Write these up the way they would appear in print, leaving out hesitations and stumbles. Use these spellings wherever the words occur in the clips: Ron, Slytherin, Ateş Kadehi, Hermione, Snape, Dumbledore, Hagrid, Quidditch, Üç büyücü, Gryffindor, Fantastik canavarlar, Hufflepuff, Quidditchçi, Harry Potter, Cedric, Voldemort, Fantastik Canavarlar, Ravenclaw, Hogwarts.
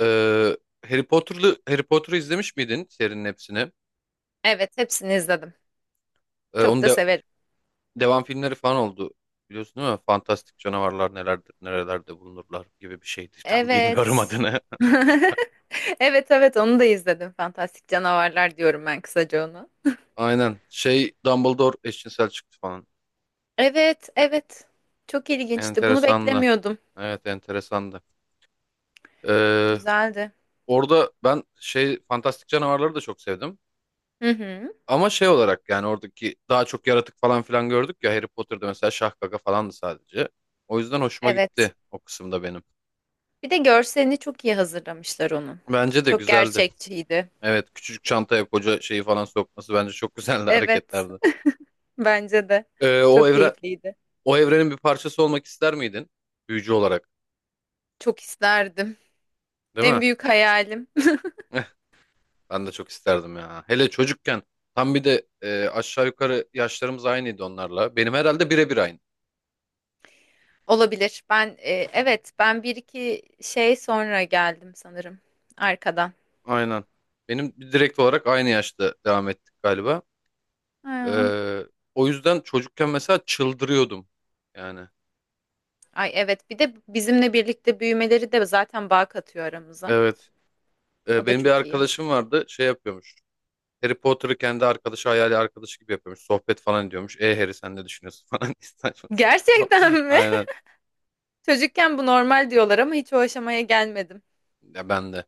Ee, Harry Potter'ı izlemiş miydin serinin hepsini? Evet, hepsini izledim. Çok onun da de, severim. devam filmleri falan oldu. Biliyorsun değil mi? Fantastik canavarlar nelerdir, nerelerde bulunurlar gibi bir şeydi. Tam bilmiyorum Evet. adını. Evet, evet onu da izledim. Fantastik Canavarlar diyorum ben kısaca ona. Aynen. Şey Dumbledore eşcinsel çıktı falan. Evet, evet. Çok ilginçti. Bunu Enteresandı. beklemiyordum. Evet enteresandı. Ee, Güzeldi. Orada ben şey fantastik canavarları da çok sevdim. Hı hı. Ama şey olarak yani oradaki daha çok yaratık falan filan gördük ya Harry Potter'da mesela şah gaga falandı sadece. O yüzden hoşuma Evet. gitti o kısımda benim. Bir de görselini çok iyi hazırlamışlar onun. Bence de Çok güzeldi. gerçekçiydi. Evet, küçücük çantaya koca şeyi falan sokması bence çok güzeldi Evet, hareketlerdi. bence de. Ee, o Çok evre keyifliydi. o evrenin bir parçası olmak ister miydin? Büyücü olarak, Çok isterdim. değil En mi? büyük hayalim. Eh, Ben de çok isterdim ya. Hele çocukken tam bir de aşağı yukarı yaşlarımız aynıydı onlarla. Benim herhalde birebir aynı. Olabilir. Ben, evet, bir iki şey sonra geldim sanırım arkadan. Aynen. Benim direkt olarak aynı yaşta devam ettik galiba. Ha. Ee, O yüzden çocukken mesela çıldırıyordum. Yani. Ay evet bir de bizimle birlikte büyümeleri de zaten bağ katıyor aramıza. Evet. O da Benim bir çok iyi. arkadaşım vardı, şey yapıyormuş. Harry Potter'ı kendi arkadaşı hayali arkadaşı gibi yapıyormuş. Sohbet falan ediyormuş. E Harry sen ne düşünüyorsun falan. Saçma sapan. Gerçekten mi? Aynen. Çocukken bu normal diyorlar ama hiç o aşamaya gelmedim. Ya ben de.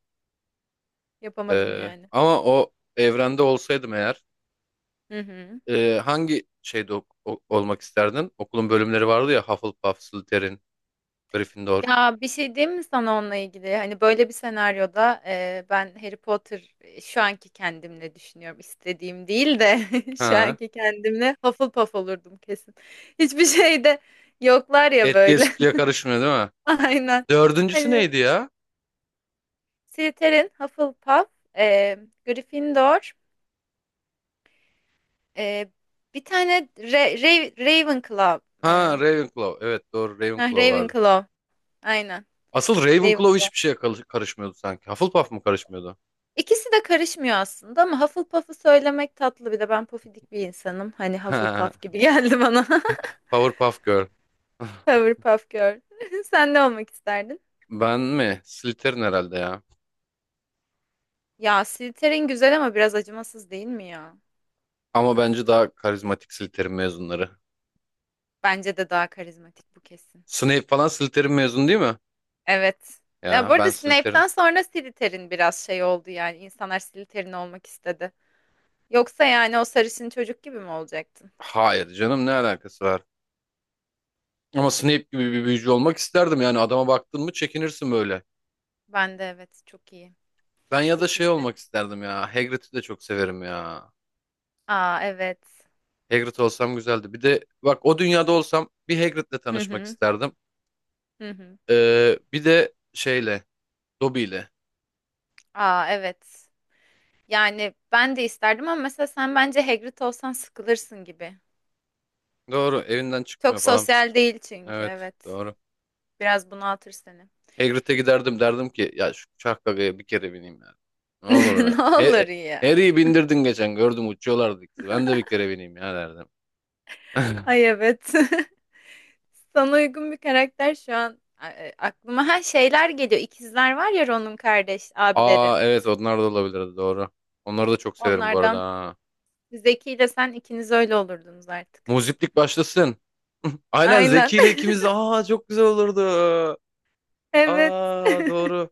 Yapamadım yani. Ama o evrende olsaydım eğer Hı hı. hangi şeyde olmak isterdin? Okulun bölümleri vardı ya Hufflepuff, Slytherin, Gryffindor. Ya bir şey diyeyim mi sana onunla ilgili? Hani böyle bir senaryoda ben Harry Potter şu anki kendimle düşünüyorum. İstediğim değil de şu Ha. anki kendimle Hufflepuff olurdum kesin. Hiçbir şeyde yoklar ya Etliye böyle. sütlüye karışmıyor değil mi? Aynen. Dördüncüsü Hani neydi ya? Slytherin, Hufflepuff, e, Gryffindor, e, bir tane Ravenclaw. E, Ha Ravenclaw. Evet doğru Ravenclaw vardı. Ravenclaw. Aynen. Asıl Ravenclaw Ravenclaw. hiçbir şeye karışmıyordu sanki. Hufflepuff mı karışmıyordu? İkisi de karışmıyor aslında ama Hufflepuff'u söylemek tatlı bir de ben pofidik bir insanım. Hani Ha, Hufflepuff gibi geldi bana. Powerpuff Girl. Hufflepuff Girl. Sen ne olmak isterdin? Ben mi? Slytherin herhalde ya. Ya Slytherin güzel ama biraz acımasız değil mi ya? Ama bence daha karizmatik Slytherin mezunları. Bence de daha karizmatik bu kesin. Snape falan Slytherin mezun değil mi? Evet. Ya bu Ya ben arada Slytherin. Snape'den sonra Slytherin biraz şey oldu yani. İnsanlar Slytherin olmak istedi. Yoksa yani o sarışın çocuk gibi mi olacaktın? Hayır canım ne alakası var? Ama Snape gibi bir büyücü olmak isterdim yani adama baktın mı çekinirsin böyle. Ben de evet çok iyi. Ben ya da Çok şey iyiydi. olmak isterdim ya. Hagrid'i de çok severim ya. Aa evet. Hagrid olsam güzeldi. Bir de bak o dünyada olsam bir Hagrid'le Hı tanışmak hı. isterdim. Hı hı. Bir de şeyle, Dobby'yle. Aa evet. Yani ben de isterdim ama mesela sen bence Hagrid olsan sıkılırsın gibi. Doğru evinden Çok çıkmıyor falan. sosyal değil çünkü Evet evet. doğru. Biraz bunaltır seni. Hagrid'e giderdim derdim ki ya şu uçak gagaya bir kere bineyim ya. Ne olur lan. Ne olur ya. Harry'i bindirdin geçen gördüm uçuyorlardı ikisi. Ben de bir kere bineyim ya derdim. Ay evet. Sana uygun bir karakter şu an aklıma her şeyler geliyor. İkizler var ya Ron'un kardeş abileri. Aa evet onlar da olabilirdi doğru. Onları da çok severim bu arada. Onlardan Ha. Zeki ile sen ikiniz öyle olurdunuz artık. Muziplik başlasın. Aynen Aynen. Zeki ile ikimiz de aa çok güzel olurdu. Evet. Aa doğru.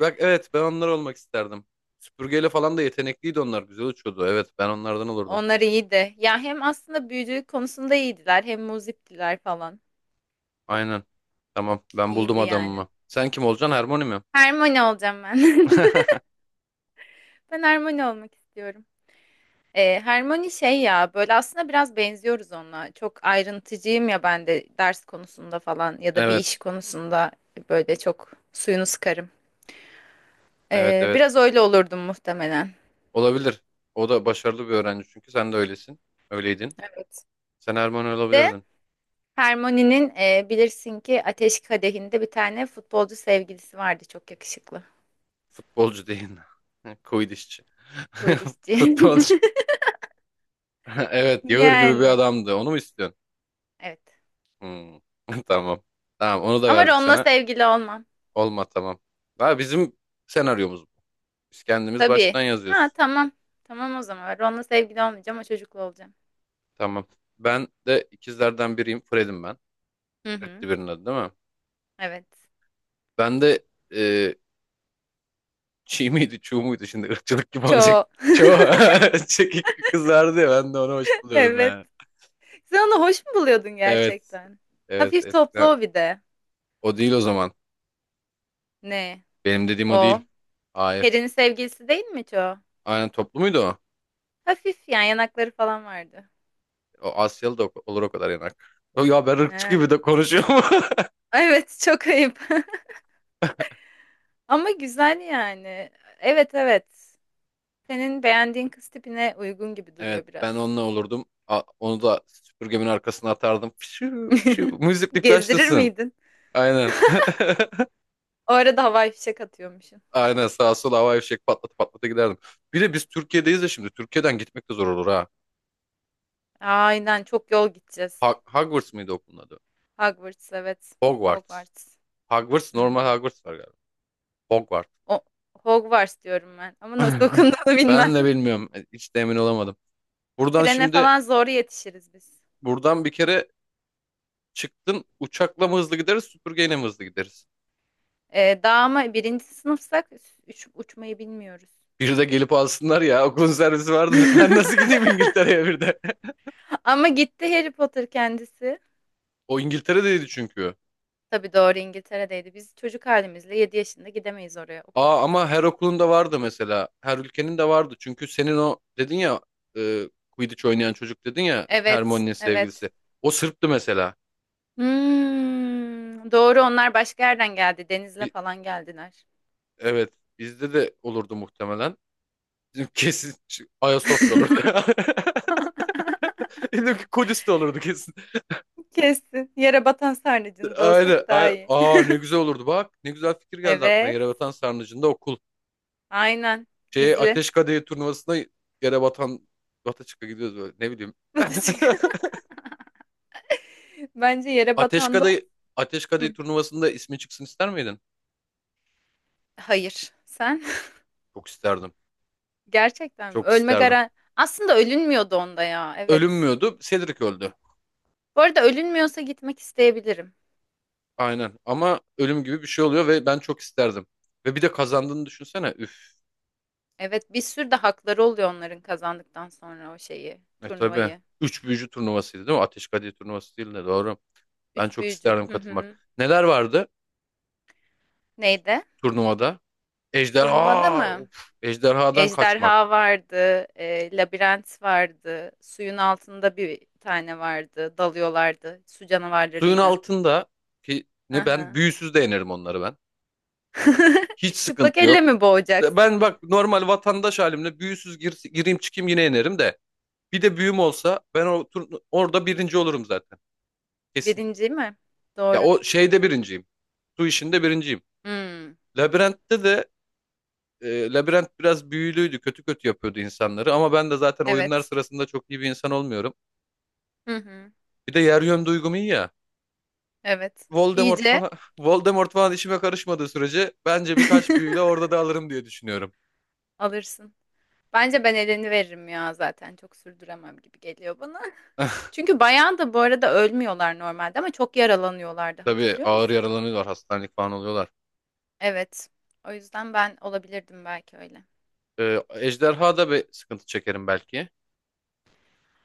Bak evet ben onlar olmak isterdim. Süpürgeyle falan da yetenekliydi onlar. Güzel uçuyordu. Evet ben onlardan olurdum. Onlar iyiydi. Ya hem aslında büyücülük konusunda iyiydiler, hem muziptiler falan. Aynen. Tamam ben buldum İyiydi yani. adamımı. Sen kim olacaksın? Hermione mi? Hermione olacağım ben. Ben harmoni olmak istiyorum. Hermione şey ya böyle aslında biraz benziyoruz onunla. Çok ayrıntıcıyım ya ben de ders konusunda falan ya da bir iş Evet. konusunda böyle çok suyunu sıkarım. Evet evet. Biraz öyle olurdum muhtemelen. Olabilir. O da başarılı bir öğrenci çünkü sen de öylesin. Öyleydin. Evet. Sen Erman Bir de olabilirdin. Hermione'nin bilirsin ki Ateş Kadehi'nde bir tane futbolcu sevgilisi vardı çok yakışıklı. Futbolcu değil. Koydişçi. Quidditchçi. Futbolcu. Evet, Yağır gibi bir Yani adamdı. Onu mu istiyorsun? evet. Hmm. Tamam. Tamam, onu da Ama verdik Ron'la sana. sevgili olmam. Olma tamam. Ha, bizim senaryomuz bu. Biz kendimiz baştan Tabii. Ha yazıyoruz. tamam. Tamam o zaman. Ron'la sevgili olmayacağım o çocukla olacağım. Tamam. Ben de ikizlerden biriyim. Fred'im ben. Hı hı. Reddi birinin adı değil mi? Evet. Ben de Çiğ miydi, çuğ muydu şimdi ırkçılık gibi olacak. Çok. Çoğu çekik kızardı ya ben de onu hoş buluyordum Evet. yani. Sen onu hoş mu buluyordun Evet, gerçekten? evet Hafif toplu eskiden. o bir de. O değil o zaman. Ne? Benim dediğim o değil. O. Hayır. Peri'nin sevgilisi değil mi hiç o? Aynen toplu muydu o? Hafif yani yanakları falan vardı. O Asyalı da olur o kadar yanak. O Ya ben ırkçı He. gibi de konuşuyorum. Evet çok ayıp. Ama güzel yani. Evet evet. Senin beğendiğin kız tipine uygun gibi Evet duruyor ben biraz. onunla olurdum. Onu da süpürgemin arkasına atardım. Şu müziklik Gezdirir başlasın. miydin? Aynen. O arada havai fişek atıyormuşsun. Aynen sağa sola havai fişek patlata patlata giderdim. Bir de biz Türkiye'deyiz de şimdi. Türkiye'den gitmek de zor olur ha. Aynen çok yol gideceğiz. Hogwarts mıydı okulun adı? Hogwarts evet. Hogwarts. Hogwarts. Hogwarts Hı normal hı. Hogwarts var galiba. Hogwarts. O, Hogwarts diyorum ben. Ama nasıl okunduğunu bilmem. Ben de bilmiyorum. Hiç de emin olamadım. Buradan Trene şimdi falan zor yetişiriz biz. buradan bir kere çıktın uçakla mı hızlı gideriz süpürgeyle mi hızlı gideriz? Daha ama birinci sınıfsak uçmayı bilmiyoruz. Bir de gelip alsınlar ya okulun servisi vardır. Ben nasıl gideyim İngiltere'ye bir de? Ama gitti Harry Potter kendisi. O İngiltere'deydi çünkü. Tabii doğru İngiltere'deydi. Biz çocuk halimizle 7 yaşında gidemeyiz oraya okula. Aa ama her okulun da vardı mesela. Her ülkenin de vardı. Çünkü senin o dedin ya Quidditch oynayan çocuk dedin ya Evet, Hermione'nin evet. sevgilisi. O Sırp'tı mesela. Doğru onlar başka yerden geldi. Denizle falan geldiler. Evet. Bizde de olurdu muhtemelen. Bizim Kesin Ayasofya olurdu. Dedim ki Kudüs olurdu kesin. Kesin. Yere batan sarnıcında Aynen. olsak daha iyi. Aa ne güzel olurdu bak. Ne güzel fikir geldi aklına. Evet. Yerebatan Sarnıcı'nda okul. Aynen. Şeye Gizli. Ateş Kadehi turnuvasına Yerebatan Bataçık'a gidiyoruz böyle. Ne bileyim. Batacık. Bence yere Ateş batanda Kadehi, Ateş Hı. Kadehi turnuvasında ismi çıksın ister miydin? Hayır. Sen? Çok isterdim. Gerçekten mi? Çok Ölme isterdim. garan... Aslında ölünmüyordu onda ya. Evet. Ölünmüyordu. Cedric öldü. Bu arada ölünmüyorsa gitmek isteyebilirim. Aynen. Ama ölüm gibi bir şey oluyor ve ben çok isterdim. Ve bir de kazandığını düşünsene. Üf. Evet, bir sürü de hakları oluyor onların kazandıktan sonra o şeyi, E tabii. turnuvayı. Üç büyücü turnuvasıydı değil mi? Ateş Kadehi turnuvası değil de doğru. Ben Üç çok büyücü. isterdim Hı katılmak. hı. Neler vardı Neydi? turnuvada? Turnuvada Ejderha. mı? Of, ejderhadan kaçmak. Ejderha vardı, labirent vardı, suyun altında bir tane vardı, dalıyorlardı su Suyun canavarlarıyla. altında ki ne ben Aha. büyüsüz de yenerim onları ben. Hiç Çıplak sıkıntı elle yok. mi boğacaksın? Ben bak normal vatandaş halimle büyüsüz gireyim çıkayım yine yenerim de. Bir de büyüm olsa ben o orada birinci olurum zaten. Kesin. Birinci mi? Ya Doğru. o şeyde birinciyim. Su işinde birinciyim. Hmm, Labirentte de Labirent biraz büyülüydü. Kötü kötü yapıyordu insanları. Ama ben de zaten oyunlar evet. sırasında çok iyi bir insan olmuyorum. Hı hı, Bir de yer yön duygum iyi ya. evet. Voldemort İyice falan Voldemort falan işime karışmadığı sürece bence birkaç büyüyle orada da alırım diye düşünüyorum. alırsın. Bence ben eleni veririm ya zaten. Çok sürdüremem gibi geliyor bana. Çünkü bayan da bu arada ölmüyorlar normalde ama çok yaralanıyorlardı. Tabii Hatırlıyor ağır musun? yaralanıyorlar, hastanelik falan oluyorlar. Evet. O yüzden ben olabilirdim belki öyle. Ejderha da bir sıkıntı çekerim belki.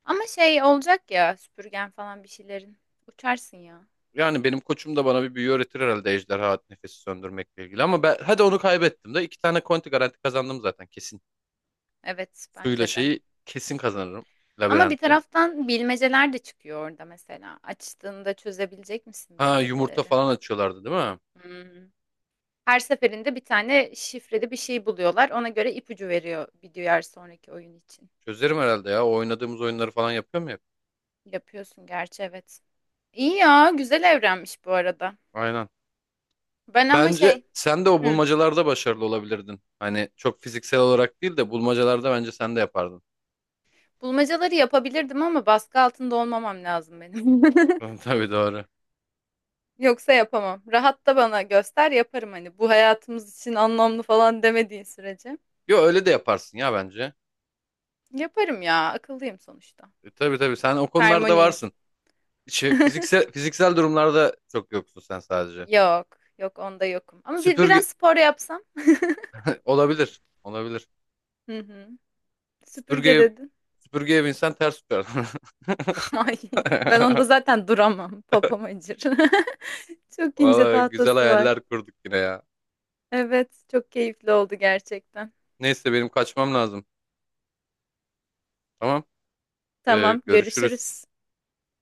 Ama şey olacak ya süpürgen falan bir şeylerin. Uçarsın ya. Yani benim koçum da bana bir büyü öğretir herhalde ejderha nefesi söndürmekle ilgili. Ama ben, hadi onu kaybettim de iki tane konti garanti kazandım zaten kesin. Evet Suyla bence de. şeyi kesin kazanırım. Ama bir Labirenti. taraftan bilmeceler de çıkıyor orada mesela. Açtığında çözebilecek misin Ha yumurta bilmeceleri? falan açıyorlardı değil mi? Hmm. Her seferinde bir tane şifreli bir şey buluyorlar. Ona göre ipucu veriyor bir diğer sonraki oyun için. Çözerim herhalde ya. O oynadığımız oyunları falan yapıyor mu hep? Yapıyorsun gerçi evet. İyi ya güzel evrenmiş bu arada. Aynen. Ben ama Bence şey sen de o hı, bulmacalarda başarılı olabilirdin. Hani çok fiziksel olarak değil de bulmacalarda bence sen de yapardın. bulmacaları yapabilirdim ama baskı altında olmamam lazım benim. Tabii doğru. Yoksa yapamam. Rahat da bana göster yaparım hani bu hayatımız için anlamlı falan demediğin sürece. Yo öyle de yaparsın ya bence. Yaparım ya akıllıyım sonuçta. Tabii tabii sen o konularda Harmoniyim. varsın. Şey, fiziksel durumlarda çok yoksun sen sadece. Yok yok onda yokum. Ama biraz Süpürge spor yapsam. olabilir. Olabilir. Hı hı. Süpürge Süpürge dedin. süpürgeye binsen ters uçar. Ay, ben onda zaten duramam. Popom acır. Çok ince Valla güzel tahtası var. hayaller kurduk yine ya. Evet, çok keyifli oldu gerçekten. Neyse benim kaçmam lazım. Tamam. Tamam, Görüşürüz. görüşürüz.